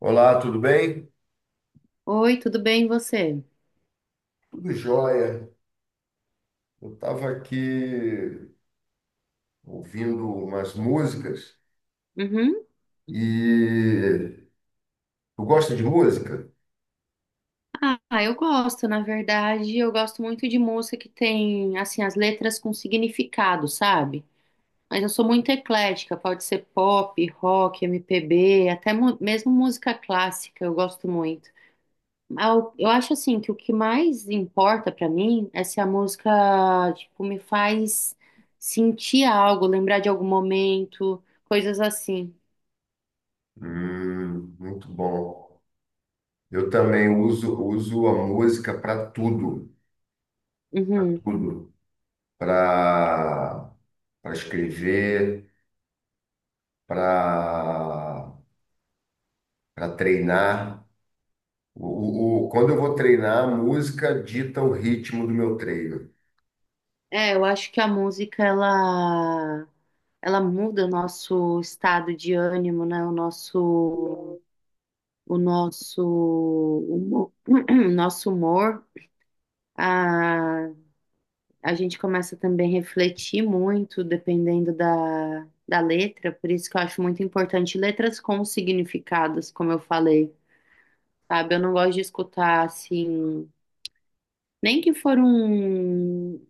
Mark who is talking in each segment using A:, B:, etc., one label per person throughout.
A: Olá, tudo bem?
B: Oi, tudo bem, e você?
A: Tudo jóia. Eu estava aqui ouvindo umas músicas
B: Uhum.
A: e tu gosta de música?
B: Ah, eu gosto, na verdade, eu gosto muito de música que tem, assim, as letras com significado, sabe? Mas eu sou muito eclética, pode ser pop, rock, MPB, até mesmo música clássica, eu gosto muito. Ah, eu acho, assim, que o que mais importa pra mim é se a música, tipo, me faz sentir algo, lembrar de algum momento, coisas assim.
A: Muito bom. Eu também uso a música para tudo, para
B: Uhum.
A: tudo, para escrever, para treinar. Quando eu vou treinar, a música dita o ritmo do meu treino.
B: É, eu acho que a música, ela muda o nosso estado de ânimo, né? O nosso, humo- o nosso humor. A, a gente começa também a refletir muito dependendo da letra, por isso que eu acho muito importante letras com significados, como eu falei. Sabe, eu não gosto de escutar assim, nem que for um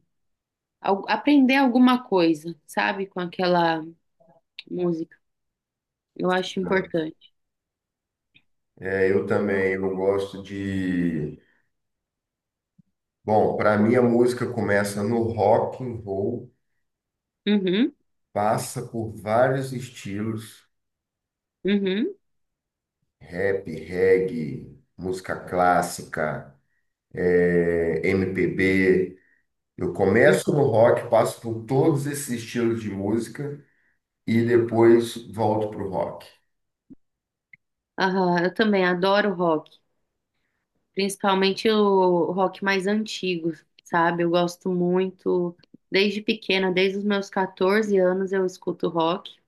B: aprender alguma coisa, sabe, com aquela música. Eu acho
A: Né?
B: importante.
A: É, eu também eu gosto de Bom, para mim a música começa no rock and roll,
B: Uhum,
A: passa por vários estilos,
B: uhum,
A: rap, reggae, música clássica, MPB. Eu começo
B: uhum.
A: no rock, passo por todos esses estilos de música e depois volto pro rock.
B: Aham, eu também adoro rock, principalmente o rock mais antigo, sabe? Eu gosto muito, desde pequena, desde os meus 14 anos eu escuto rock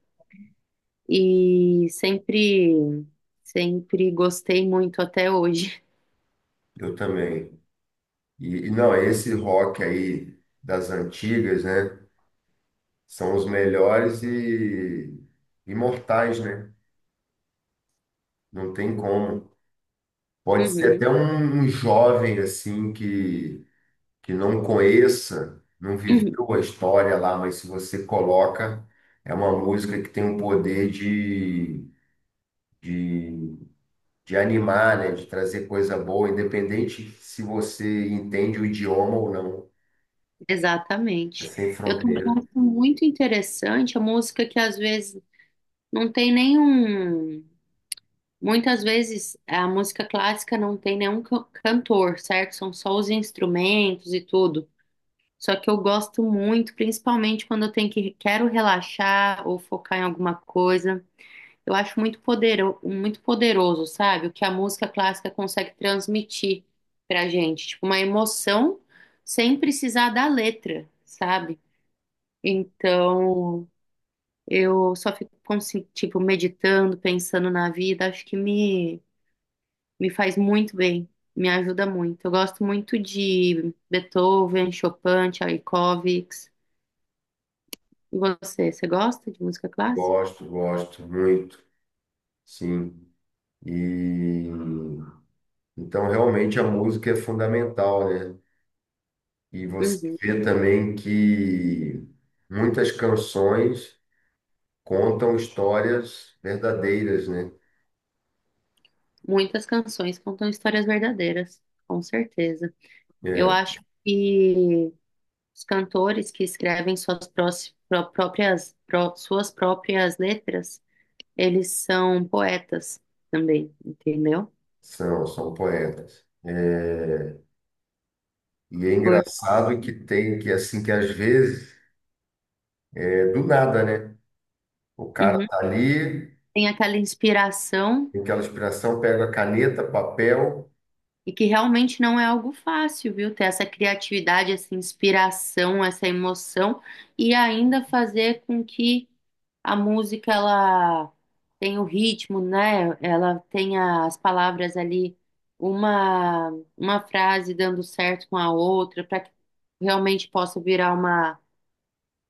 B: e sempre, sempre gostei muito até hoje.
A: Eu também. E não, esse rock aí das antigas, né? São os melhores e imortais, né? Não tem como. Pode ser
B: Uhum,
A: até um jovem assim que não conheça, não viveu a história lá, mas se você coloca, é uma música que tem um poder de, de animar, né? De trazer coisa boa, independente se você entende o idioma ou não. É
B: Exatamente.
A: sem
B: Eu também
A: fronteira.
B: acho muito interessante a música que às vezes não tem nenhum. Muitas vezes a música clássica não tem nenhum cantor, certo? São só os instrumentos e tudo. Só que eu gosto muito, principalmente quando eu tenho que quero relaxar ou focar em alguma coisa. Eu acho muito muito poderoso, sabe? O que a música clássica consegue transmitir pra gente, tipo uma emoção sem precisar da letra, sabe? Então, eu só fico, tipo, meditando, pensando na vida, acho que me faz muito bem, me ajuda muito. Eu gosto muito de Beethoven, Chopin, Tchaikovsky. E você gosta de música clássica?
A: Gosto, gosto muito, sim. E então realmente a música é fundamental, né? E você
B: Uhum.
A: vê também que muitas canções contam histórias verdadeiras, né?
B: Muitas canções contam histórias verdadeiras, com certeza. Eu
A: É,
B: acho que os cantores que escrevem suas prós- pró- próprias, pró- suas próprias letras, eles são poetas também, entendeu?
A: são poetas. É, e é
B: Por,
A: engraçado que tem que assim que às vezes é do nada, né? O cara
B: Uhum.
A: tá ali,
B: Tem aquela inspiração.
A: tem aquela inspiração, pega a caneta, papel,
B: E que realmente não é algo fácil, viu? Ter essa criatividade, essa inspiração, essa emoção e ainda fazer com que a música ela tenha o ritmo, né? Ela tenha as palavras ali, uma, uma frase dando certo com a outra, para que realmente possa virar uma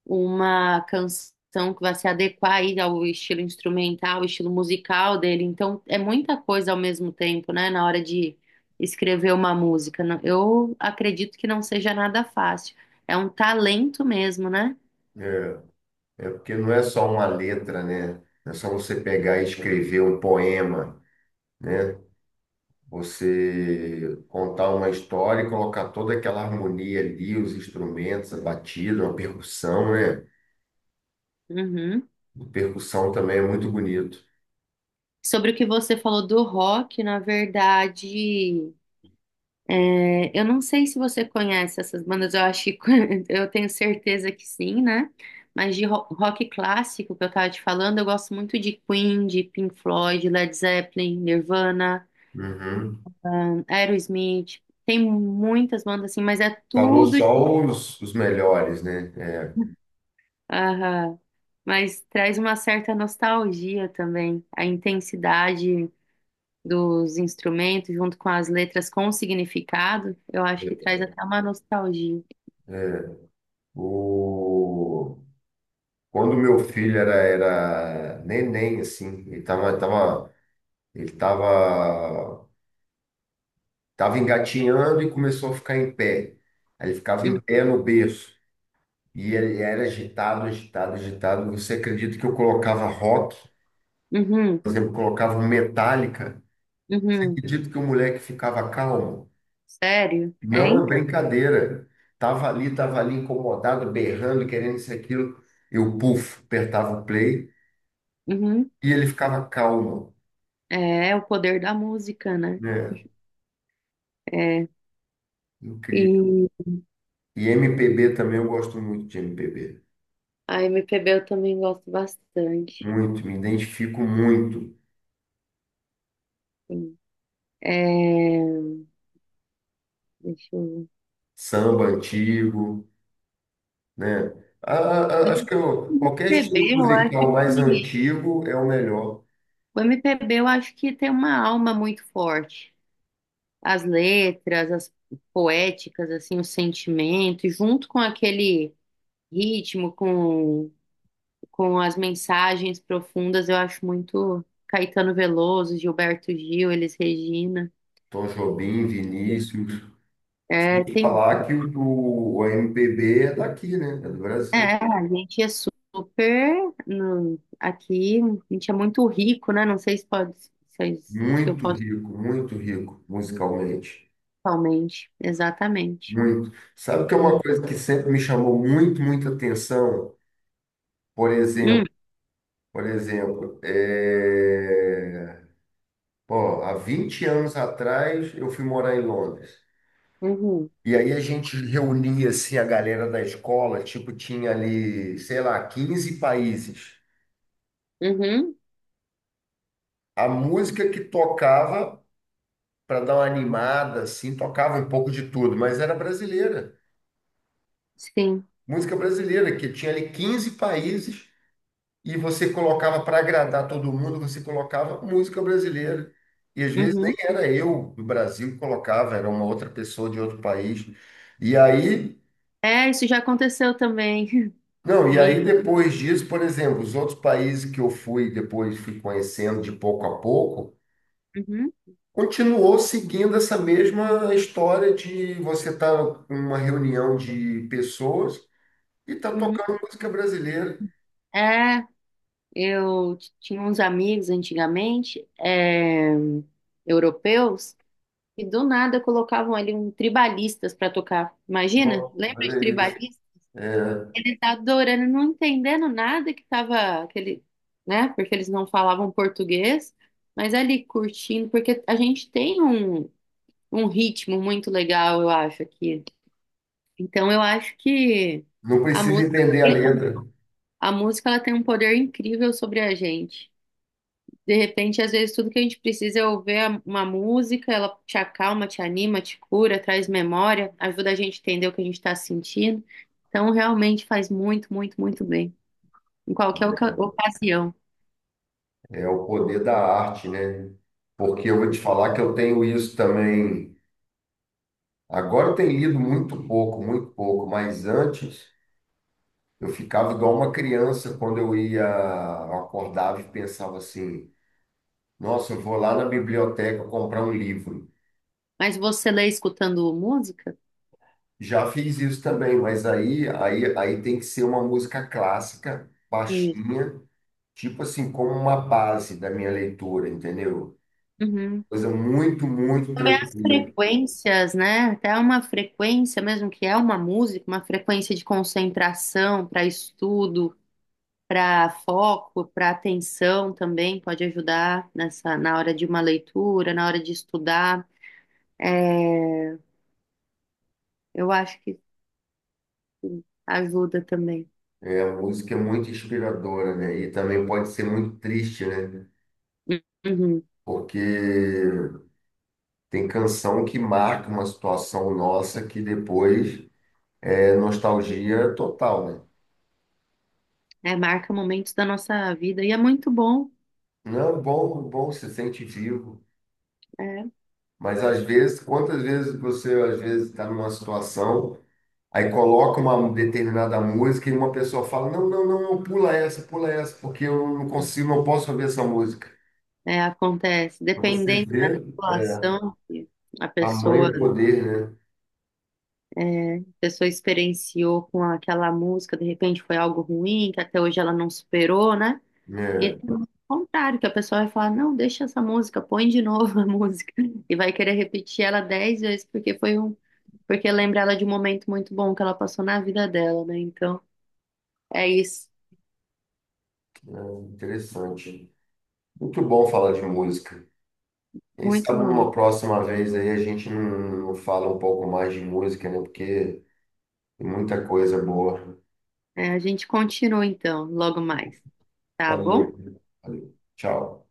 B: uma canção que vai se adequar aí ao estilo instrumental, ao estilo musical dele. Então, é muita coisa ao mesmo tempo, né, na hora de escrever uma música. Eu acredito que não seja nada fácil. É um talento mesmo, né?
A: é, é porque não é só uma letra, né? Não é só você pegar e escrever um poema, né? Você contar uma história e colocar toda aquela harmonia ali, os instrumentos, a batida, uma percussão, né?
B: Uhum.
A: A percussão também é muito bonito.
B: Sobre o que você falou do rock, na verdade. É, eu não sei se você conhece essas bandas, eu acho que eu tenho certeza que sim, né? Mas de rock clássico que eu tava te falando, eu gosto muito de Queen, de Pink Floyd, Led Zeppelin, Nirvana,
A: Uhum.
B: Aerosmith. Tem muitas bandas assim, mas é
A: Falou
B: tudo.
A: só os melhores, né? É.
B: Aham. Mas traz uma certa nostalgia também, a intensidade dos instrumentos junto com as letras com significado, eu acho que traz até uma nostalgia.
A: O... Quando meu filho era neném, assim, ele tava engatinhando e começou a ficar em pé. Aí ele ficava
B: Uhum,
A: em pé no berço. E ele era agitado, agitado, agitado. Você acredita que eu colocava rock?
B: uhum.
A: Por exemplo, eu colocava um Metallica.
B: Uhum.
A: Acredito que o moleque ficava calmo.
B: Sério? É,
A: Não é
B: então.
A: brincadeira. Tava ali incomodado, berrando, querendo isso e aquilo. Eu, puf, apertava o play
B: Uhum.
A: e ele ficava calmo,
B: É o poder da música, né?
A: né?
B: É.
A: Incrível.
B: E
A: E MPB também eu gosto muito de MPB.
B: a MPB eu também gosto bastante.
A: Muito, me identifico muito.
B: Sim. É, deixa eu.
A: Samba antigo. Né? A- Qualquer
B: MPB,
A: estilo
B: eu acho
A: musical mais
B: que...
A: antigo é o melhor.
B: O MPB, eu acho que tem uma alma muito forte. As letras, as poéticas, assim, o sentimento, e junto com aquele ritmo, com as mensagens profundas, eu acho muito Caetano Veloso, Gilberto Gil, Elis Regina.
A: Tom Jobim, Vinícius.
B: É, tem,
A: Falar o MPB é daqui, né? É do Brasil.
B: é, a gente é super, aqui, a gente é muito rico, né? Não sei se pode, se eu posso
A: Muito rico musicalmente.
B: totalmente, exatamente.
A: Muito. Sabe que é uma
B: Hum,
A: coisa que sempre me chamou muito, muita atenção? Por exemplo, por exemplo, Ó, há 20 anos atrás eu fui morar em Londres.
B: uhum,
A: E aí a gente reunia assim a galera da escola, tipo, tinha ali, sei lá, 15 países.
B: uhum,
A: A música que tocava para dar uma animada assim, tocava um pouco de tudo, mas era brasileira.
B: sim,
A: Música brasileira que tinha ali 15 países e você colocava para agradar todo mundo, você colocava música brasileira. E às vezes nem
B: uhum.
A: era eu do Brasil que colocava, era uma outra pessoa de outro país. E aí.
B: É, isso já aconteceu também
A: Não, e
B: comigo.
A: aí depois disso, por exemplo, os outros países que eu fui, depois fui conhecendo de pouco a pouco,
B: Uhum,
A: continuou seguindo essa mesma história de você estar tá numa reunião de pessoas e tá
B: uhum.
A: tocando música brasileira.
B: É, eu tinha uns amigos antigamente, europeus, e do nada colocavam ali um tribalistas para tocar. Imagina?
A: Bom,
B: Lembra de
A: olha isso.
B: tribalistas?
A: É.
B: Ele tá adorando, não entendendo nada que tava aquele, né? Porque eles não falavam português, mas ali curtindo, porque a gente tem um ritmo muito legal, eu acho, aqui. Então eu acho que
A: Não
B: a
A: precisa
B: música
A: entender a
B: tem,
A: letra.
B: a música ela tem um poder incrível sobre a gente. De repente, às vezes, tudo que a gente precisa é ouvir uma música, ela te acalma, te anima, te cura, traz memória, ajuda a gente a entender o que a gente está sentindo. Então, realmente faz muito, muito, muito bem em qualquer ocasião.
A: É o poder da arte, né? Porque eu vou te falar que eu tenho isso também. Agora eu tenho lido muito pouco, mas antes. Eu ficava igual uma criança quando eu ia, eu acordava e pensava assim: nossa, eu vou lá na biblioteca comprar um livro.
B: Mas você lê escutando música?
A: Já fiz isso também, mas aí tem que ser uma música clássica,
B: Isso.
A: baixinha, tipo assim, como uma base da minha leitura, entendeu?
B: Uhum.
A: Coisa muito, muito
B: Também as
A: tranquila.
B: frequências, né? Até uma frequência mesmo que é uma música, uma frequência de concentração para estudo, para foco, para atenção também pode ajudar nessa na hora de uma leitura, na hora de estudar. É, eu acho que ajuda também.
A: A música é muito inspiradora, né? E também pode ser muito triste, né?
B: Uhum.
A: Porque tem canção que marca uma situação nossa que depois. É nostalgia total, né?
B: É, marca momentos da nossa vida e é muito bom,
A: Não, bom, bom, se sente vivo,
B: né?
A: mas às vezes, quantas vezes você às vezes está numa situação, aí coloca uma determinada música e uma pessoa fala, não, não, não, não, pula essa, porque eu não consigo, não posso ouvir essa música.
B: É, acontece.
A: Pra Você
B: Dependendo da
A: vê
B: situação que a pessoa,
A: tamanho poder,
B: a pessoa experienciou com aquela música, de repente foi algo ruim, que até hoje ela não superou, né?
A: né?
B: E tem
A: É,
B: o contrário, que a pessoa vai falar, não, deixa essa música, põe de novo a música. E vai querer repetir ela 10 vezes, porque foi um, porque lembra ela de um momento muito bom que ela passou na vida dela, né? Então, é isso.
A: é, interessante. Muito bom falar de música. Quem
B: Muito
A: sabe
B: bom.
A: numa próxima vez aí a gente não, fala um pouco mais de música, né? Porque tem muita coisa boa.
B: É, a gente continua então, logo mais, tá
A: Valeu.
B: bom?
A: Valeu. Tchau.